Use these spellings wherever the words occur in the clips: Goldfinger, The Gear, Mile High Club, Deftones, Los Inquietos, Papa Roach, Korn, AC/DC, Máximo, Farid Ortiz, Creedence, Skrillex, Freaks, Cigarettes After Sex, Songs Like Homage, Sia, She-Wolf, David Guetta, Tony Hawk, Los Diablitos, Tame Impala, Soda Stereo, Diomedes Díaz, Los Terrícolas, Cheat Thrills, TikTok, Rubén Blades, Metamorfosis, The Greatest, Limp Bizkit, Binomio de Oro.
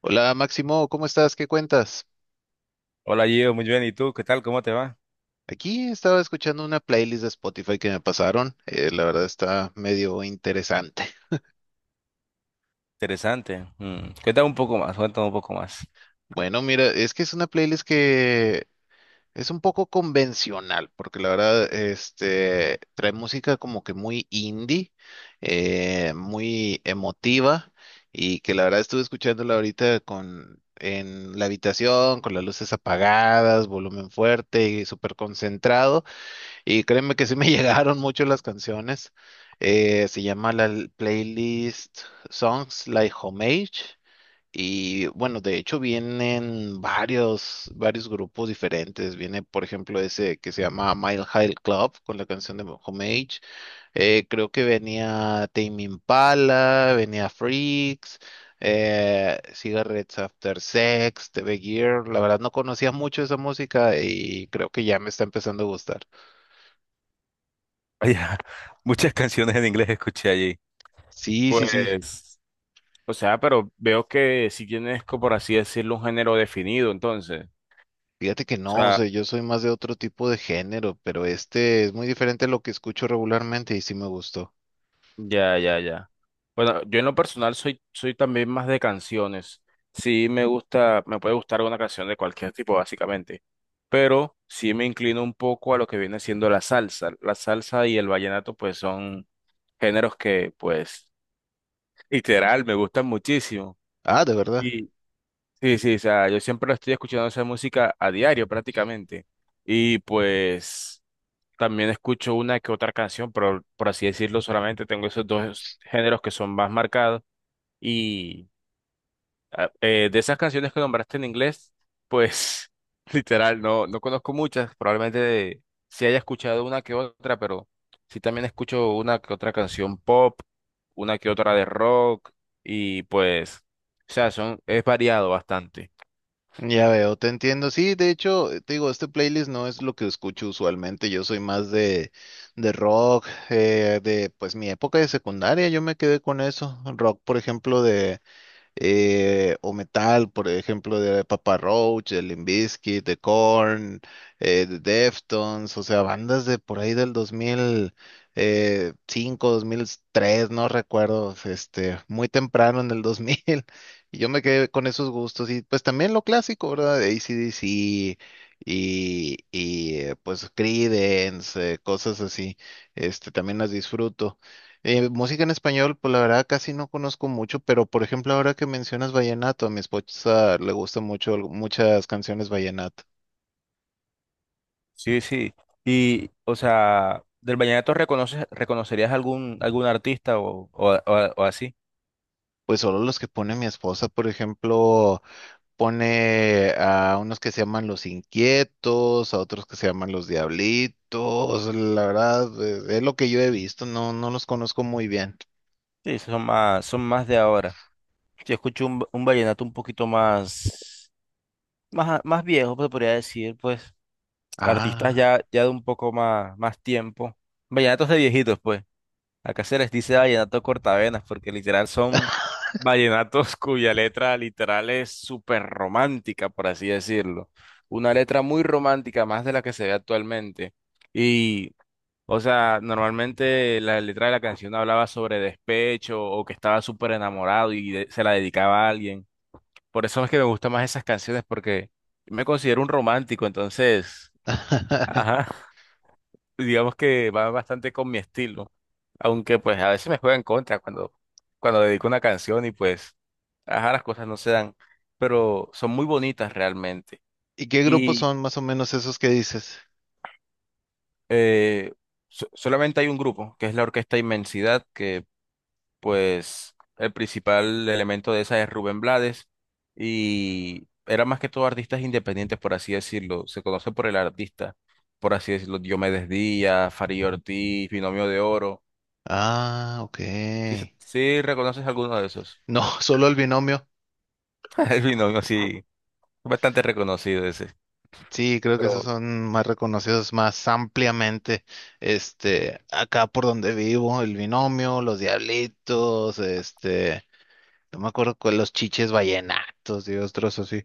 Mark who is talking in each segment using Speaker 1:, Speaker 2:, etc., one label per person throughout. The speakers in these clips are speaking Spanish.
Speaker 1: Hola Máximo, ¿cómo estás? ¿Qué cuentas?
Speaker 2: Hola Gio, muy bien. ¿Y tú? ¿Qué tal? ¿Cómo te va?
Speaker 1: Aquí estaba escuchando una playlist de Spotify que me pasaron. La verdad está medio interesante.
Speaker 2: Interesante. Mm, cuéntame un poco más, cuéntame un poco más.
Speaker 1: Bueno, mira, es que es una playlist que es un poco convencional, porque la verdad, trae música como que muy indie, muy emotiva, y que la verdad estuve escuchándola ahorita en la habitación, con las luces apagadas, volumen fuerte y súper concentrado. Y créeme que sí me llegaron mucho las canciones. Se llama la playlist Songs Like Homage. Y bueno, de hecho vienen varios grupos diferentes. Viene, por ejemplo, ese que se llama Mile High Club con la canción de Homage. Creo que venía Tame Impala, venía Freaks, Cigarettes After Sex, The Gear. La verdad no conocía mucho esa música y creo que ya me está empezando a gustar.
Speaker 2: Vaya, muchas canciones en inglés escuché allí.
Speaker 1: Sí, sí, sí.
Speaker 2: Pues, o sea, pero veo que si tienes, por así decirlo, un género definido, entonces.
Speaker 1: Fíjate que
Speaker 2: O
Speaker 1: no, o
Speaker 2: sea,
Speaker 1: sea, yo soy más de otro tipo de género, pero este es muy diferente a lo que escucho regularmente y sí me gustó.
Speaker 2: ya, ya, ya. Bueno, yo en lo personal soy, soy también más de canciones. Sí me gusta, me puede gustar una canción de cualquier tipo, básicamente. Pero sí me inclino un poco a lo que viene siendo la salsa. La salsa y el vallenato, pues son géneros que, pues, literal, me gustan muchísimo.
Speaker 1: Ah, de verdad.
Speaker 2: Y sí, sí, o sea, yo siempre estoy escuchando esa música a diario, prácticamente. Y pues. También escucho una que otra canción, pero por así decirlo, solamente tengo esos dos géneros que son más marcados. Y ah, de esas canciones que nombraste en inglés, pues literal, no, no conozco muchas. Probablemente sí haya escuchado una que otra, pero sí también escucho una que otra canción pop, una que otra de rock. Y pues, o sea, son, es variado bastante.
Speaker 1: Ya veo, te entiendo. Sí, de hecho, te digo, este playlist no es lo que escucho usualmente. Yo soy más de rock, de pues mi época de secundaria, yo me quedé con eso. Rock, por ejemplo, de o metal, por ejemplo, de Papa Roach, de Limp Bizkit, de Korn, de Deftones, o sea, bandas de por ahí del 2005, 2003, no recuerdo, muy temprano en el 2000, y yo me quedé con esos gustos, y pues también lo clásico, ¿verdad? De AC/DC y pues Creedence, cosas así, también las disfruto. Música en español, pues la verdad casi no conozco mucho, pero por ejemplo ahora que mencionas vallenato, a mi esposa le gustan mucho muchas canciones vallenato.
Speaker 2: Sí, sí. Y, o sea, del vallenato reconoces, ¿reconocerías algún, algún artista o así?
Speaker 1: Pues solo los que pone mi esposa, por ejemplo, pone a unos que se llaman Los Inquietos, a otros que se llaman Los Diablitos, la verdad es lo que yo he visto, no, no los conozco muy bien.
Speaker 2: Sí, esos son más de ahora. Yo escucho un vallenato un poquito más, más, más viejo, pues podría decir, pues, artistas
Speaker 1: Ah.
Speaker 2: ya, ya de un poco más, más tiempo. Vallenatos de viejitos, pues. Acá se les dice vallenato cortavenas porque literal son vallenatos cuya letra literal es súper romántica, por así decirlo. Una letra muy romántica, más de la que se ve actualmente. Y, o sea, normalmente la letra de la canción hablaba sobre despecho o que estaba súper enamorado y se la dedicaba a alguien. Por eso es que me gustan más esas canciones porque me considero un romántico, entonces, ajá, digamos que va bastante con mi estilo. Aunque pues a veces me juega en contra cuando dedico una canción y pues, ajá, las cosas no se dan, pero son muy bonitas realmente.
Speaker 1: ¿Y qué grupos
Speaker 2: Y
Speaker 1: son más o menos esos que dices?
Speaker 2: eh, solamente hay un grupo, que es la Orquesta Inmensidad, que pues el principal elemento de esa es Rubén Blades y era más que todo artistas independientes, por así decirlo, se conoce por el artista, por así decirlo, Diomedes Díaz, Farid Ortiz, Binomio de Oro.
Speaker 1: Ah, ok.
Speaker 2: ¿Sí, sí reconoces alguno de esos?
Speaker 1: No, solo el binomio.
Speaker 2: El binomio sí. Bastante reconocido ese.
Speaker 1: Sí, creo que esos
Speaker 2: Pero
Speaker 1: son más reconocidos más ampliamente. Acá por donde vivo, el binomio, los diablitos, no me acuerdo cuál, los chiches vallenatos y otros así.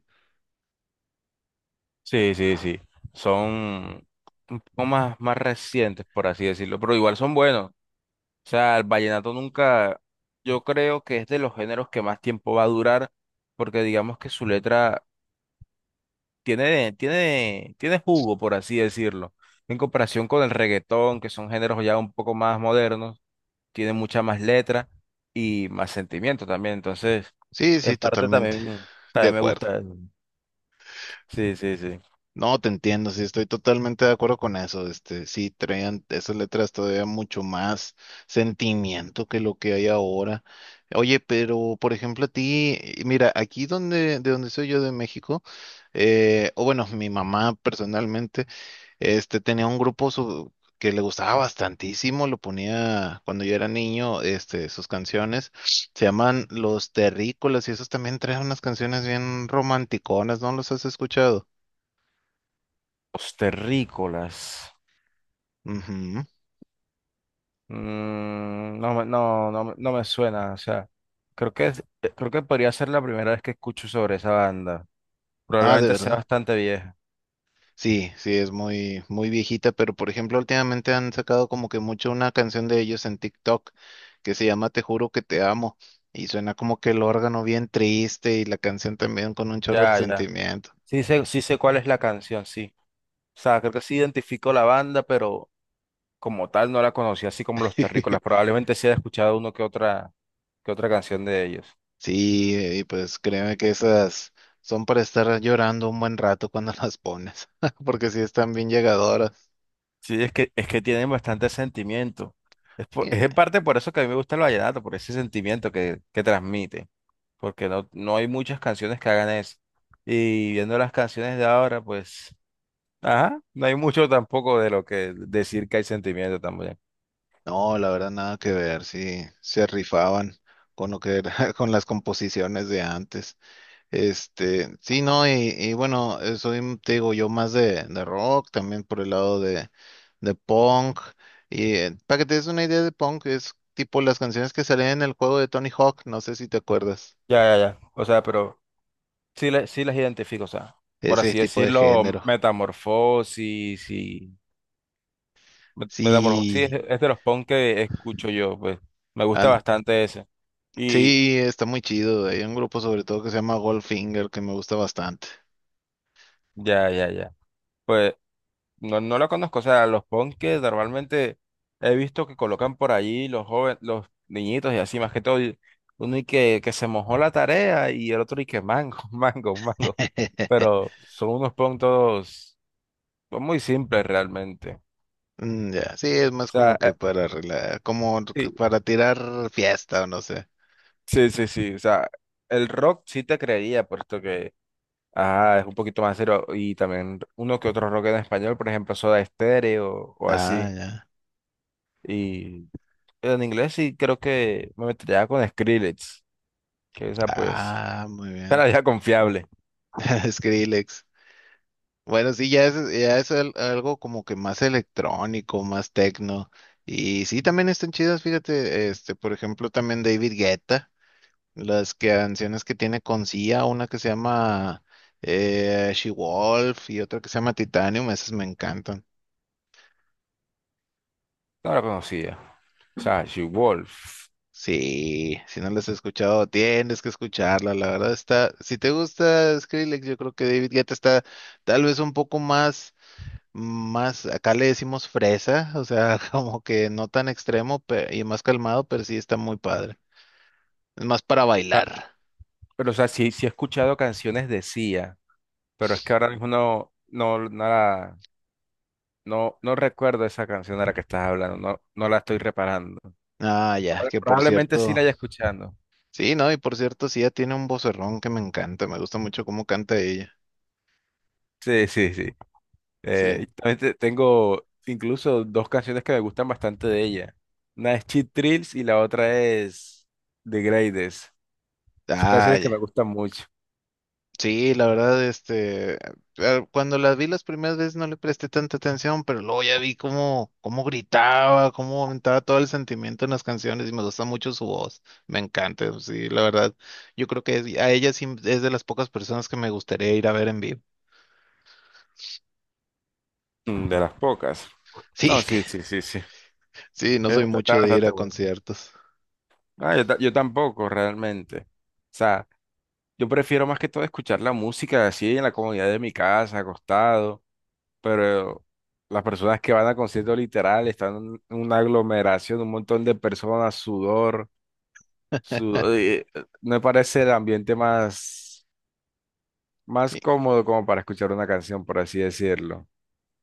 Speaker 2: sí, sí, sí. Son un poco más, más recientes, por así decirlo, pero igual son buenos. O sea, el vallenato nunca, yo creo que es de los géneros que más tiempo va a durar, porque digamos que su letra tiene, tiene, tiene jugo, por así decirlo. En comparación con el reggaetón, que son géneros ya un poco más modernos, tiene mucha más letra y más sentimiento también. Entonces,
Speaker 1: Sí, sí,
Speaker 2: en parte
Speaker 1: totalmente.
Speaker 2: también,
Speaker 1: De
Speaker 2: también me
Speaker 1: acuerdo.
Speaker 2: gusta eso. Sí, sí, sí.
Speaker 1: No, te entiendo, sí, estoy totalmente de acuerdo con eso. Este, sí, traían esas letras todavía mucho más sentimiento que lo que hay ahora. Oye, pero por ejemplo, a ti, mira, de donde soy yo de México, o bueno, mi mamá personalmente, tenía un grupo que le gustaba bastantísimo, lo ponía cuando yo era niño, sus canciones. Se llaman Los Terrícolas y esos también traen unas canciones bien romanticonas, ¿no los has escuchado?
Speaker 2: Los terrícolas.
Speaker 1: Ujú.
Speaker 2: Mm, no, no, no, me no me suena. O sea, creo que creo que podría ser la primera vez que escucho sobre esa banda.
Speaker 1: Ah, de
Speaker 2: Probablemente sea
Speaker 1: verdad.
Speaker 2: bastante vieja.
Speaker 1: Sí, sí, es muy viejita, pero por ejemplo, últimamente han sacado como que mucho una canción de ellos en TikTok que se llama Te juro que te amo. Y suena como que el órgano bien triste y la canción también con un chorro de
Speaker 2: Ya, ya.
Speaker 1: sentimiento.
Speaker 2: Sí sé cuál es la canción, sí. O sea, creo que sí identifico la banda, pero como tal no la conocí, así como los terrícolas. Probablemente sí haya escuchado uno que otra canción de ellos.
Speaker 1: Sí, y pues créeme que esas son para estar llorando un buen rato cuando las pones, porque sí están bien llegadoras.
Speaker 2: Sí, es que tienen bastante sentimiento. Es,
Speaker 1: Sí.
Speaker 2: es en parte por eso que a mí me gusta el vallenato, por ese sentimiento que transmite. Porque no, no hay muchas canciones que hagan eso. Y viendo las canciones de ahora, pues, ajá, no hay mucho tampoco de lo que decir que hay sentimiento también.
Speaker 1: No, la verdad nada que ver, sí, se rifaban con lo que era, con las composiciones de antes. Este, sí, no, y bueno, soy, te digo, yo más de rock, también por el lado de punk. Y para que te des una idea de punk, es tipo las canciones que salen en el juego de Tony Hawk, no sé si te acuerdas,
Speaker 2: Ya, ya, ya. O sea, pero sí, sí las identifico, o sea, por
Speaker 1: ese
Speaker 2: así
Speaker 1: tipo de
Speaker 2: decirlo,
Speaker 1: género.
Speaker 2: metamorfosis y... Metamorfosis sí
Speaker 1: Sí,
Speaker 2: es de los punk que escucho yo, pues, me gusta
Speaker 1: an-
Speaker 2: bastante ese. Y
Speaker 1: sí, está muy chido. Hay un grupo sobre todo que se llama Goldfinger que me gusta bastante.
Speaker 2: ya, ya, ya. Pues no, no lo conozco, o sea, los punkes normalmente he visto que colocan por allí los jóvenes, los niñitos y así, más que todo, y uno y que se mojó la tarea y el otro y que mango, mango, mango, pero son unos punk todos son muy simples realmente. O
Speaker 1: Mm, ya, sí, es más como
Speaker 2: sea,
Speaker 1: que para como que
Speaker 2: eh,
Speaker 1: para tirar fiesta o no sé.
Speaker 2: sí, sí, sí, sí, o sea, el rock sí te creería puesto que, ajá, es un poquito más serio y también uno que otro rock en español, por ejemplo, Soda Stereo o
Speaker 1: Ah,
Speaker 2: así.
Speaker 1: ya.
Speaker 2: En inglés sí creo que me metería con Skrillex, que esa pues
Speaker 1: Ah, muy bien.
Speaker 2: era ya confiable,
Speaker 1: Skrillex. Bueno, sí, ya es algo como que más electrónico, más tecno. Y sí, también están chidas, fíjate, por ejemplo, también David Guetta, las canciones que tiene con Sia, una que se llama She Wolf y otra que se llama Titanium, esas me encantan.
Speaker 2: no la conocía. O sea, She-Wolf.
Speaker 1: Sí, si no las has escuchado, tienes que escucharla. La verdad está, si te gusta Skrillex, yo creo que David Guetta está tal vez un poco más, acá le decimos fresa, o sea, como que no tan extremo y más calmado, pero sí está muy padre. Es más para bailar.
Speaker 2: Pero o sea, sí, sí he escuchado canciones de Sia, pero es que ahora mismo no, no, no, no recuerdo esa canción de la que estás hablando, no, no la estoy reparando.
Speaker 1: Ah, ya, que por
Speaker 2: Probablemente sí la
Speaker 1: cierto,
Speaker 2: haya escuchando.
Speaker 1: sí, no, y por cierto, sí, ella tiene un vocerrón que me encanta, me gusta mucho cómo canta ella.
Speaker 2: Sí, sí, sí.
Speaker 1: Sí,
Speaker 2: Y también tengo incluso dos canciones que me gustan bastante de ella. Una es Cheat Thrills y la otra es The Greatest. Son
Speaker 1: ah,
Speaker 2: canciones que me
Speaker 1: ya.
Speaker 2: gustan mucho.
Speaker 1: Sí, la verdad, ah, cuando las vi las primeras veces no le presté tanta atención, pero luego ya vi cómo gritaba, cómo aumentaba todo el sentimiento en las canciones y me gusta mucho su voz, me encanta, sí, la verdad, yo creo que a ella sí es de las pocas personas que me gustaría ir a ver en vivo.
Speaker 2: Mm, de las pocas. No,
Speaker 1: Sí,
Speaker 2: sí, sí, sí, sí.
Speaker 1: sí, no soy
Speaker 2: Está, está
Speaker 1: mucho de ir
Speaker 2: bastante
Speaker 1: a
Speaker 2: bueno.
Speaker 1: conciertos.
Speaker 2: Ah, yo, yo tampoco, realmente. O sea, yo prefiero más que todo escuchar la música así en la comodidad de mi casa, acostado, pero las personas que van a conciertos literal están en una aglomeración, un montón de personas, sudor, sudor, me parece el ambiente más, más cómodo como para escuchar una canción, por así decirlo.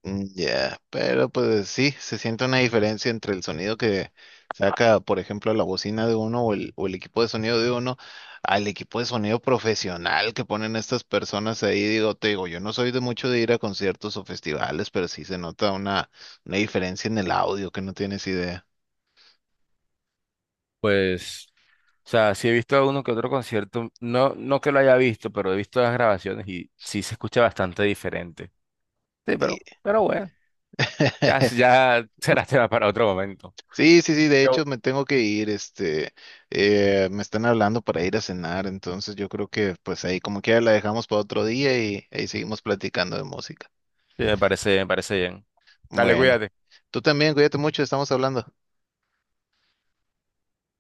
Speaker 1: Mm, ya, pero pues sí, se siente una diferencia entre el sonido que saca, por ejemplo, la bocina de uno o el equipo de sonido de uno al equipo de sonido profesional que ponen estas personas ahí. Digo, te digo, yo no soy de mucho de ir a conciertos o festivales, pero sí se nota una diferencia en el audio que no tienes idea.
Speaker 2: Pues o sea, sí he visto uno que otro concierto, no, no que lo haya visto, pero he visto las grabaciones y sí se escucha bastante diferente. Sí,
Speaker 1: Y-
Speaker 2: pero bueno, ya, ya será tema para otro momento.
Speaker 1: Sí, sí, sí, de
Speaker 2: Yo-
Speaker 1: hecho me tengo que ir, me están hablando para ir a cenar, entonces yo creo que pues ahí como quiera la dejamos para otro día y ahí seguimos platicando de música.
Speaker 2: Sí, me parece bien. Dale,
Speaker 1: Bueno,
Speaker 2: cuídate.
Speaker 1: tú también, cuídate mucho, estamos hablando.